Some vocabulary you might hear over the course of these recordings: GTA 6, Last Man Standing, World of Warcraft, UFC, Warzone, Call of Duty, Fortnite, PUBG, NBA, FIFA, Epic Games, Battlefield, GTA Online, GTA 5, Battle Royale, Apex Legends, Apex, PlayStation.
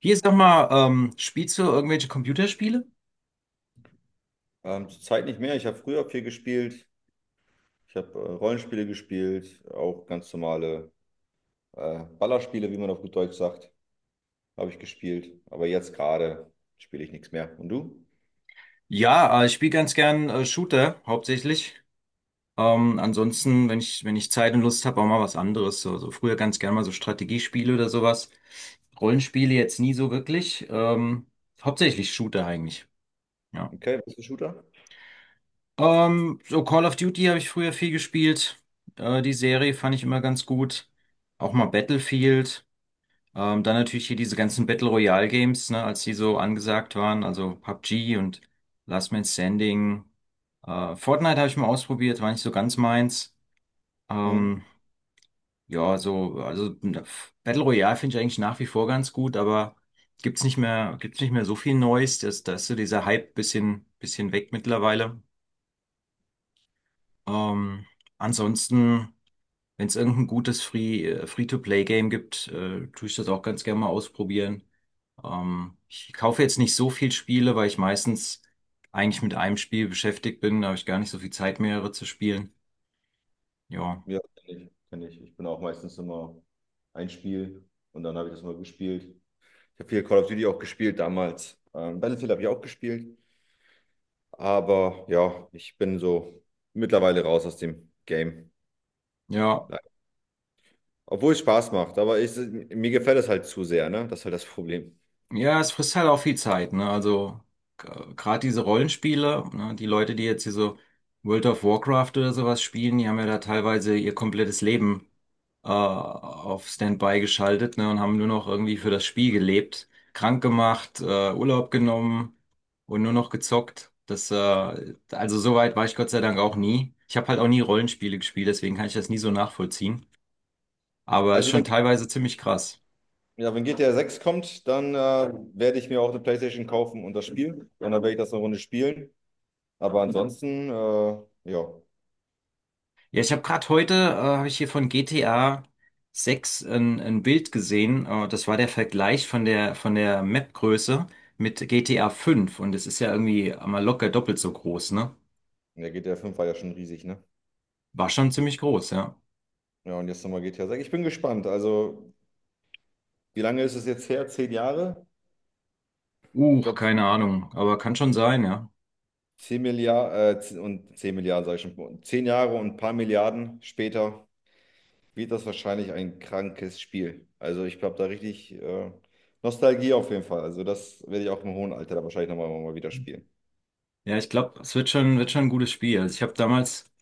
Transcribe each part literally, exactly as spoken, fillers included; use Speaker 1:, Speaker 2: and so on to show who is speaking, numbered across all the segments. Speaker 1: Hier sag mal, ähm, spielst du irgendwelche Computerspiele?
Speaker 2: Ähm, zurzeit nicht mehr. Ich habe früher viel gespielt. Ich habe äh, Rollenspiele gespielt, auch ganz normale äh, Ballerspiele, wie man auf gut Deutsch sagt, habe ich gespielt. Aber jetzt gerade spiele ich nichts mehr. Und du?
Speaker 1: Ja, äh, ich spiele ganz gern äh, Shooter hauptsächlich. Ähm, ansonsten, wenn ich, wenn ich Zeit und Lust habe, auch mal was anderes. So, so früher ganz gern mal so Strategiespiele oder sowas. Rollenspiele jetzt nie so wirklich. Ähm, hauptsächlich Shooter eigentlich. Ja.
Speaker 2: Okay, bist du Shooter?
Speaker 1: Ähm, so Call of Duty habe ich früher viel gespielt. Äh, die Serie fand ich immer ganz gut. Auch mal Battlefield. Ähm, dann natürlich hier diese ganzen Battle Royale Games, ne, als die so angesagt waren, also PUBG und Last Man Standing. Äh, Fortnite habe ich mal ausprobiert, war nicht so ganz meins.
Speaker 2: Mhm.
Speaker 1: Ähm, ja, so, also äh, Battle Royale finde ich eigentlich nach wie vor ganz gut, aber gibt's nicht mehr, gibt's nicht mehr so viel Neues. Das, da ist so dieser Hype bisschen, bisschen weg mittlerweile. Ähm, ansonsten, wenn es irgendein gutes Free, äh, Free-to-Play-Game gibt, äh, tue ich das auch ganz gerne mal ausprobieren. Ähm, ich kaufe jetzt nicht so viel Spiele, weil ich meistens eigentlich mit einem Spiel beschäftigt bin. Da habe ich gar nicht so viel Zeit, mehrere zu spielen. Ja,
Speaker 2: Ja, kenne ich, kenn ich. Ich bin auch meistens immer ein Spiel und dann habe ich das mal gespielt. Ich habe viel Call of Duty auch gespielt damals. Ähm, Battlefield habe ich auch gespielt. Aber ja, ich bin so mittlerweile raus aus dem Game.
Speaker 1: ja,
Speaker 2: Obwohl es Spaß macht, aber ich, mir gefällt es halt zu sehr, ne? Das ist halt das Problem.
Speaker 1: ja, es frisst halt auch viel Zeit, ne? Also gerade diese Rollenspiele, ne? Die Leute, die jetzt hier so World of Warcraft oder sowas spielen, die haben ja da teilweise ihr komplettes Leben äh, auf Standby geschaltet, ne, und haben nur noch irgendwie für das Spiel gelebt, krank gemacht, äh, Urlaub genommen und nur noch gezockt. Das, äh, also so weit war ich Gott sei Dank auch nie. Ich habe halt auch nie Rollenspiele gespielt, deswegen kann ich das nie so nachvollziehen. Aber ist
Speaker 2: Also
Speaker 1: schon
Speaker 2: wenn,
Speaker 1: teilweise ziemlich krass.
Speaker 2: ja, wenn G T A sechs kommt, dann äh, werde ich mir auch eine PlayStation kaufen und das Spiel. Und dann werde ich das eine Runde spielen. Aber ansonsten, äh, ja,
Speaker 1: Ja, ich habe gerade heute, äh, habe ich hier von G T A sechs ein, ein Bild gesehen. Äh, das war der Vergleich von der, von der Map-Größe mit G T A fünf. Und es ist ja irgendwie mal locker doppelt so groß, ne?
Speaker 2: der G T A fünf war ja schon riesig, ne?
Speaker 1: War schon ziemlich groß, ja.
Speaker 2: Ja, und jetzt nochmal G T A sechs. Ich bin gespannt. Also, wie lange ist es jetzt her? Zehn Jahre? Ich
Speaker 1: Uh,
Speaker 2: glaube,
Speaker 1: keine Ahnung, aber kann schon sein, ja.
Speaker 2: zehn Milliarden, äh, zehn und zehn Milliarden, sage ich schon. Zehn Jahre und ein paar Milliarden später wird das wahrscheinlich ein krankes Spiel. Also ich glaube da richtig äh, Nostalgie auf jeden Fall. Also das werde ich auch im hohen Alter da wahrscheinlich nochmal mal mal wieder spielen.
Speaker 1: Ja, ich glaube, es wird schon, wird schon ein gutes Spiel. Also ich habe damals,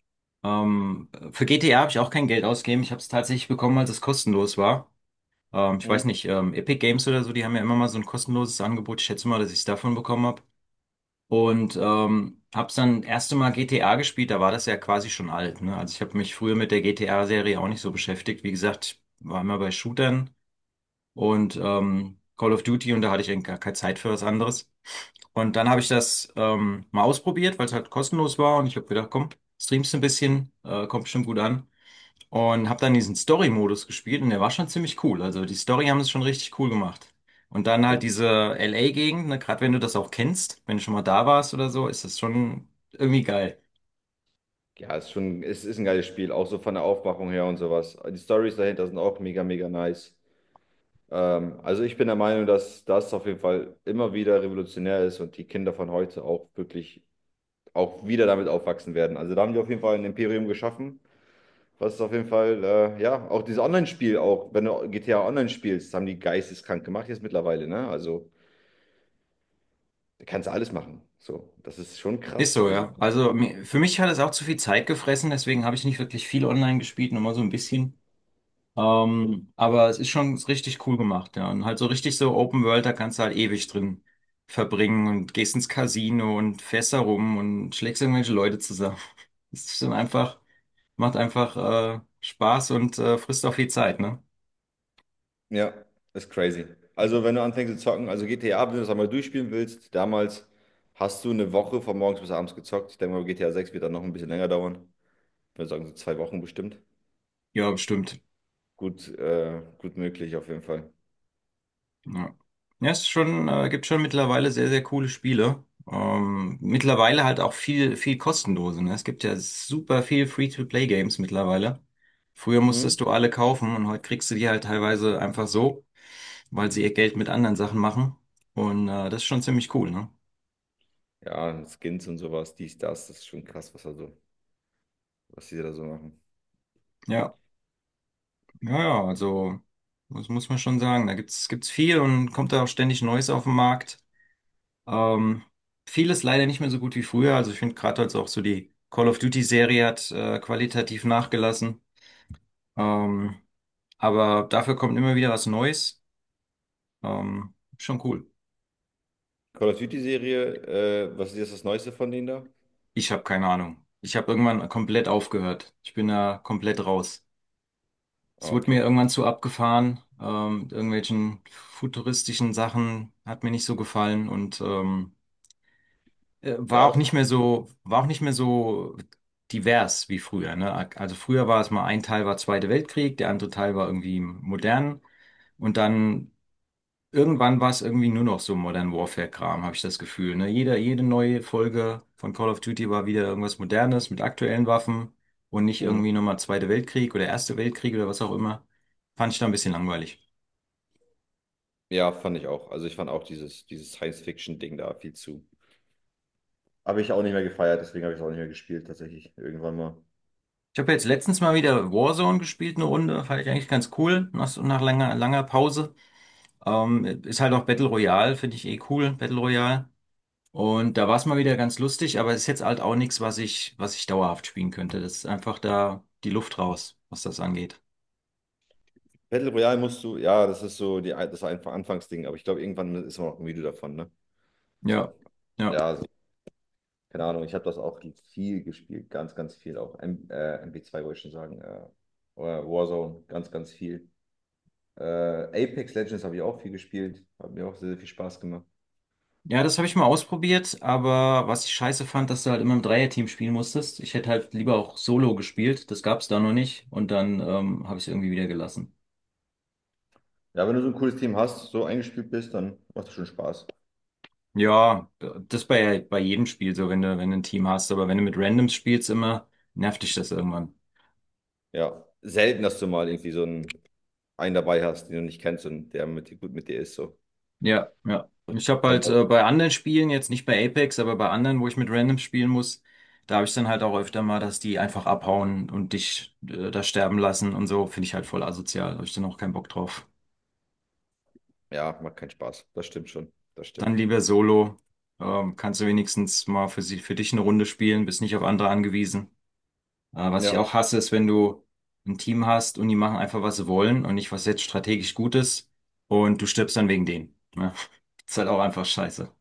Speaker 1: ähm, für G T A habe ich auch kein Geld ausgegeben. Ich habe es tatsächlich bekommen, als es kostenlos war. Ähm, ich
Speaker 2: Mhm.
Speaker 1: weiß nicht, ähm, Epic Games oder so, die haben ja immer mal so ein kostenloses Angebot. Ich schätze mal, dass ich es davon bekommen habe. Und ähm, habe es dann das erste Mal G T A gespielt, da war das ja quasi schon alt, ne? Also ich habe mich früher mit der G T A-Serie auch nicht so beschäftigt. Wie gesagt, ich war immer bei Shootern. Und ähm, Call of Duty, und da hatte ich eigentlich gar keine Zeit für was anderes. Und dann habe ich das ähm, mal ausprobiert, weil es halt kostenlos war, und ich habe gedacht, komm, streamst ein bisschen, äh, kommt bestimmt gut an. Und habe dann diesen Story-Modus gespielt, und der war schon ziemlich cool. Also die Story haben es schon richtig cool gemacht. Und dann
Speaker 2: Ja,
Speaker 1: halt
Speaker 2: ge-
Speaker 1: diese L A-Gegend, ne, gerade wenn du das auch kennst, wenn du schon mal da warst oder so, ist das schon irgendwie geil.
Speaker 2: ja, ist schon, es ist ein geiles Spiel, auch so von der Aufmachung her und sowas. Die Stories dahinter sind auch mega, mega nice. Ähm, also ich bin der Meinung, dass das auf jeden Fall immer wieder revolutionär ist und die Kinder von heute auch wirklich auch wieder damit aufwachsen werden. Also da haben die auf jeden Fall ein Imperium geschaffen. Was auf jeden Fall, äh, ja, auch dieses Online-Spiel, auch wenn du G T A Online spielst, das haben die geisteskrank gemacht jetzt mittlerweile, ne? Also, da kannst du alles machen. So, das ist schon
Speaker 1: Ist
Speaker 2: krass.
Speaker 1: so,
Speaker 2: Also,
Speaker 1: ja. Also mi- für mich hat es auch zu viel Zeit gefressen, deswegen habe ich nicht wirklich viel online gespielt, nur mal so ein bisschen. Ähm, aber es ist schon richtig cool gemacht, ja. Und halt so richtig so Open World, da kannst du halt ewig drin verbringen und gehst ins Casino und fährst da rum und schlägst irgendwelche Leute zusammen. Es ist dann einfach, macht einfach äh, Spaß und äh, frisst auch viel Zeit, ne?
Speaker 2: ja, ist crazy. Also, wenn du anfängst zu zocken, also G T A, wenn du das einmal durchspielen willst, damals hast du eine Woche von morgens bis abends gezockt. Ich denke mal, G T A sechs wird dann noch ein bisschen länger dauern. Ich würde sagen, so zwei Wochen bestimmt.
Speaker 1: Ja, bestimmt.
Speaker 2: Gut, äh, gut möglich auf jeden Fall.
Speaker 1: Ja, ja es ist schon, äh, gibt schon mittlerweile sehr, sehr coole Spiele. Ähm, mittlerweile halt auch viel, viel kostenlose. Ne? Es gibt ja super viel Free-to-Play-Games mittlerweile. Früher
Speaker 2: Mhm.
Speaker 1: musstest du alle kaufen, und heute kriegst du die halt teilweise einfach so, weil sie ihr Geld mit anderen Sachen machen. Und äh, das ist schon ziemlich cool, ne?
Speaker 2: Ja, Skins und sowas, dies, das, das ist schon krass, was da so, was die da so machen.
Speaker 1: Ja, ja, ja, also das muss man schon sagen. Da gibt's, gibt's viel und kommt da auch ständig Neues auf den Markt. Ähm, vieles leider nicht mehr so gut wie früher. Also ich finde gerade jetzt auch so die Call of Duty-Serie hat äh, qualitativ nachgelassen. Ähm, aber dafür kommt immer wieder was Neues. Ähm, schon cool.
Speaker 2: Call of Duty-Serie, äh, was ist jetzt das Neueste von denen da?
Speaker 1: Ich habe keine Ahnung. Ich habe irgendwann komplett aufgehört. Ich bin da komplett raus. Es
Speaker 2: Ah,
Speaker 1: wurde mir
Speaker 2: okay.
Speaker 1: irgendwann zu abgefahren. Ähm, mit irgendwelchen futuristischen Sachen hat mir nicht so gefallen, und ähm, äh, war
Speaker 2: Ja,
Speaker 1: auch
Speaker 2: das.
Speaker 1: nicht mehr so, war auch nicht mehr so divers wie früher, ne? Also früher war es mal ein Teil war Zweiter Weltkrieg, der andere Teil war irgendwie modern, und dann irgendwann war es irgendwie nur noch so Modern Warfare-Kram, habe ich das Gefühl, ne? Jeder, jede neue Folge von Call of Duty war wieder irgendwas Modernes mit aktuellen Waffen und nicht
Speaker 2: Mhm.
Speaker 1: irgendwie nochmal Zweiter Weltkrieg oder Erster Weltkrieg oder was auch immer. Fand ich da ein bisschen langweilig.
Speaker 2: Ja, fand ich auch. Also ich fand auch dieses, dieses Science-Fiction-Ding da viel zu. Habe ich auch nicht mehr gefeiert, deswegen habe ich es auch nicht mehr gespielt, tatsächlich. Irgendwann mal.
Speaker 1: Ich habe jetzt letztens mal wieder Warzone gespielt, eine Runde, fand ich eigentlich ganz cool, nach, nach langer, langer Pause. Ähm, ist halt auch Battle Royale, finde ich eh cool, Battle Royale. Und da war es mal wieder ganz lustig, aber ist jetzt halt auch nichts, was ich, was ich dauerhaft spielen könnte. Das ist einfach da die Luft raus, was das angeht.
Speaker 2: Battle Royale musst du, ja, das ist so die, das einfach Anfangsding, aber ich glaube, irgendwann ist man auch müde davon, ne?
Speaker 1: Ja,
Speaker 2: So. Ja,
Speaker 1: ja.
Speaker 2: also, keine Ahnung, ich habe das auch viel gespielt, ganz, ganz viel auch. M äh, M B zwei wollte ich schon sagen, äh, oder Warzone, ganz, ganz viel. Äh, Apex Legends habe ich auch viel gespielt, hat mir auch sehr, sehr viel Spaß gemacht.
Speaker 1: Ja, das habe ich mal ausprobiert, aber was ich scheiße fand, dass du halt immer im Dreierteam spielen musstest. Ich hätte halt lieber auch Solo gespielt, das gab es da noch nicht, und dann ähm, habe ich es irgendwie wieder gelassen.
Speaker 2: Ja, wenn du so ein cooles Team hast, so eingespielt bist, dann macht das schon Spaß.
Speaker 1: Ja, das bei, bei jedem Spiel so, wenn du, wenn du ein Team hast, aber wenn du mit Randoms spielst, immer nervt dich das irgendwann.
Speaker 2: Ja, selten, dass du mal irgendwie so einen, einen dabei hast, den du nicht kennst und der mit dir gut mit dir ist. So.
Speaker 1: Ja, ja. Ich habe
Speaker 2: Kommt
Speaker 1: halt
Speaker 2: halt.
Speaker 1: äh, bei anderen Spielen, jetzt nicht bei Apex, aber bei anderen, wo ich mit Randoms spielen muss, da habe ich dann halt auch öfter mal, dass die einfach abhauen und dich äh, da sterben lassen und so, finde ich halt voll asozial. Habe ich dann auch keinen Bock drauf.
Speaker 2: Ja, macht keinen Spaß. Das stimmt schon. Das
Speaker 1: Dann
Speaker 2: stimmt.
Speaker 1: lieber Solo. Ähm, kannst du wenigstens mal für sie, für dich eine Runde spielen, bist nicht auf andere angewiesen. Äh, was ich
Speaker 2: Ja,
Speaker 1: auch hasse, ist, wenn du ein Team hast und die machen einfach, was sie wollen, und nicht, was jetzt strategisch gut ist, und du stirbst dann wegen denen. Ja. Ist halt auch einfach scheiße.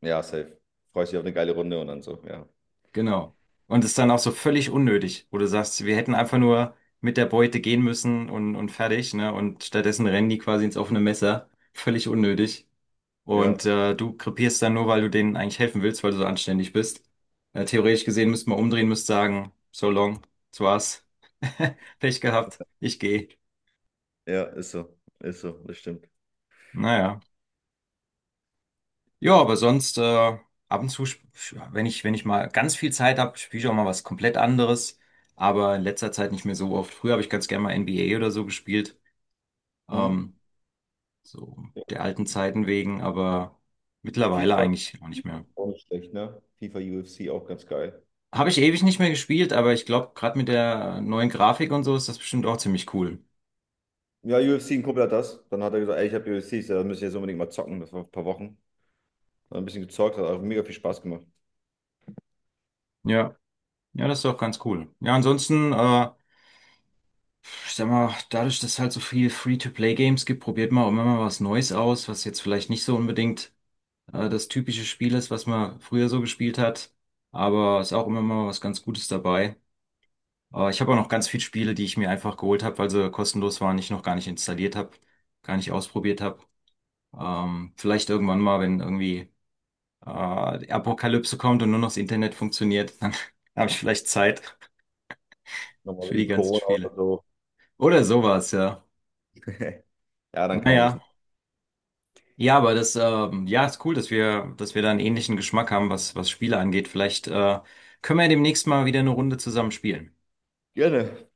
Speaker 2: ja, safe. Freust dich auf eine geile Runde und dann so. Ja,
Speaker 1: Genau. Und ist dann auch so völlig unnötig, wo du sagst, wir hätten einfach nur mit der Beute gehen müssen und, und fertig, ne? Und stattdessen rennen die quasi ins offene Messer. Völlig unnötig.
Speaker 2: ja,
Speaker 1: Und äh, du krepierst dann nur, weil du denen eigentlich helfen willst, weil du so anständig bist. Äh, theoretisch gesehen müsste man umdrehen, müsste sagen, so long, das war's. Pech gehabt, ich gehe.
Speaker 2: ja, ist so. Ist so. Das stimmt.
Speaker 1: Naja. Ja, aber sonst äh, ab und zu, sp- sch- wenn ich, wenn ich mal ganz viel Zeit habe, spiele ich auch mal was komplett anderes. Aber in letzter Zeit nicht mehr so oft. Früher habe ich ganz gerne mal N B A oder so gespielt.
Speaker 2: Mhm.
Speaker 1: Ähm, so
Speaker 2: Ja.
Speaker 1: der alten Zeiten wegen, aber mittlerweile
Speaker 2: FIFA
Speaker 1: eigentlich auch nicht mehr.
Speaker 2: auch nicht schlecht, ne? FIFA U F C auch ganz geil.
Speaker 1: Habe ich ewig nicht mehr gespielt, aber ich glaube, gerade mit der neuen Grafik und so ist das bestimmt auch ziemlich cool.
Speaker 2: Ja, U F C, ein Kumpel hat das. Dann hat er gesagt, ey, ich habe U F C, da müssen wir jetzt unbedingt mal zocken. Das war vor ein paar Wochen. Dann ein bisschen gezockt, hat auch mega viel Spaß gemacht.
Speaker 1: Ja, ja, das ist doch ganz cool. Ja, ansonsten, äh, ich sag mal, dadurch, dass es halt so viel Free-to-Play-Games gibt, probiert man auch immer mal was Neues aus, was jetzt vielleicht nicht so unbedingt äh, das typische Spiel ist, was man früher so gespielt hat. Aber ist auch immer mal was ganz Gutes dabei. Äh, ich habe auch noch ganz viele Spiele, die ich mir einfach geholt habe, weil sie kostenlos waren, ich noch gar nicht installiert habe, gar nicht ausprobiert habe. Ähm, vielleicht irgendwann mal, wenn irgendwie äh, die Apokalypse kommt und nur noch das Internet funktioniert, dann habe ich vielleicht Zeit
Speaker 2: Nochmal
Speaker 1: für die
Speaker 2: wegen
Speaker 1: ganzen
Speaker 2: Corona
Speaker 1: Spiele.
Speaker 2: oder so.
Speaker 1: Oder sowas, ja.
Speaker 2: Ja, dann kann man ein bisschen.
Speaker 1: Naja. Ja, aber das, ähm, ja, ist cool, dass wir, dass wir da einen ähnlichen Geschmack haben, was, was Spiele angeht. Vielleicht, äh, können wir ja demnächst mal wieder eine Runde zusammen spielen.
Speaker 2: Gerne.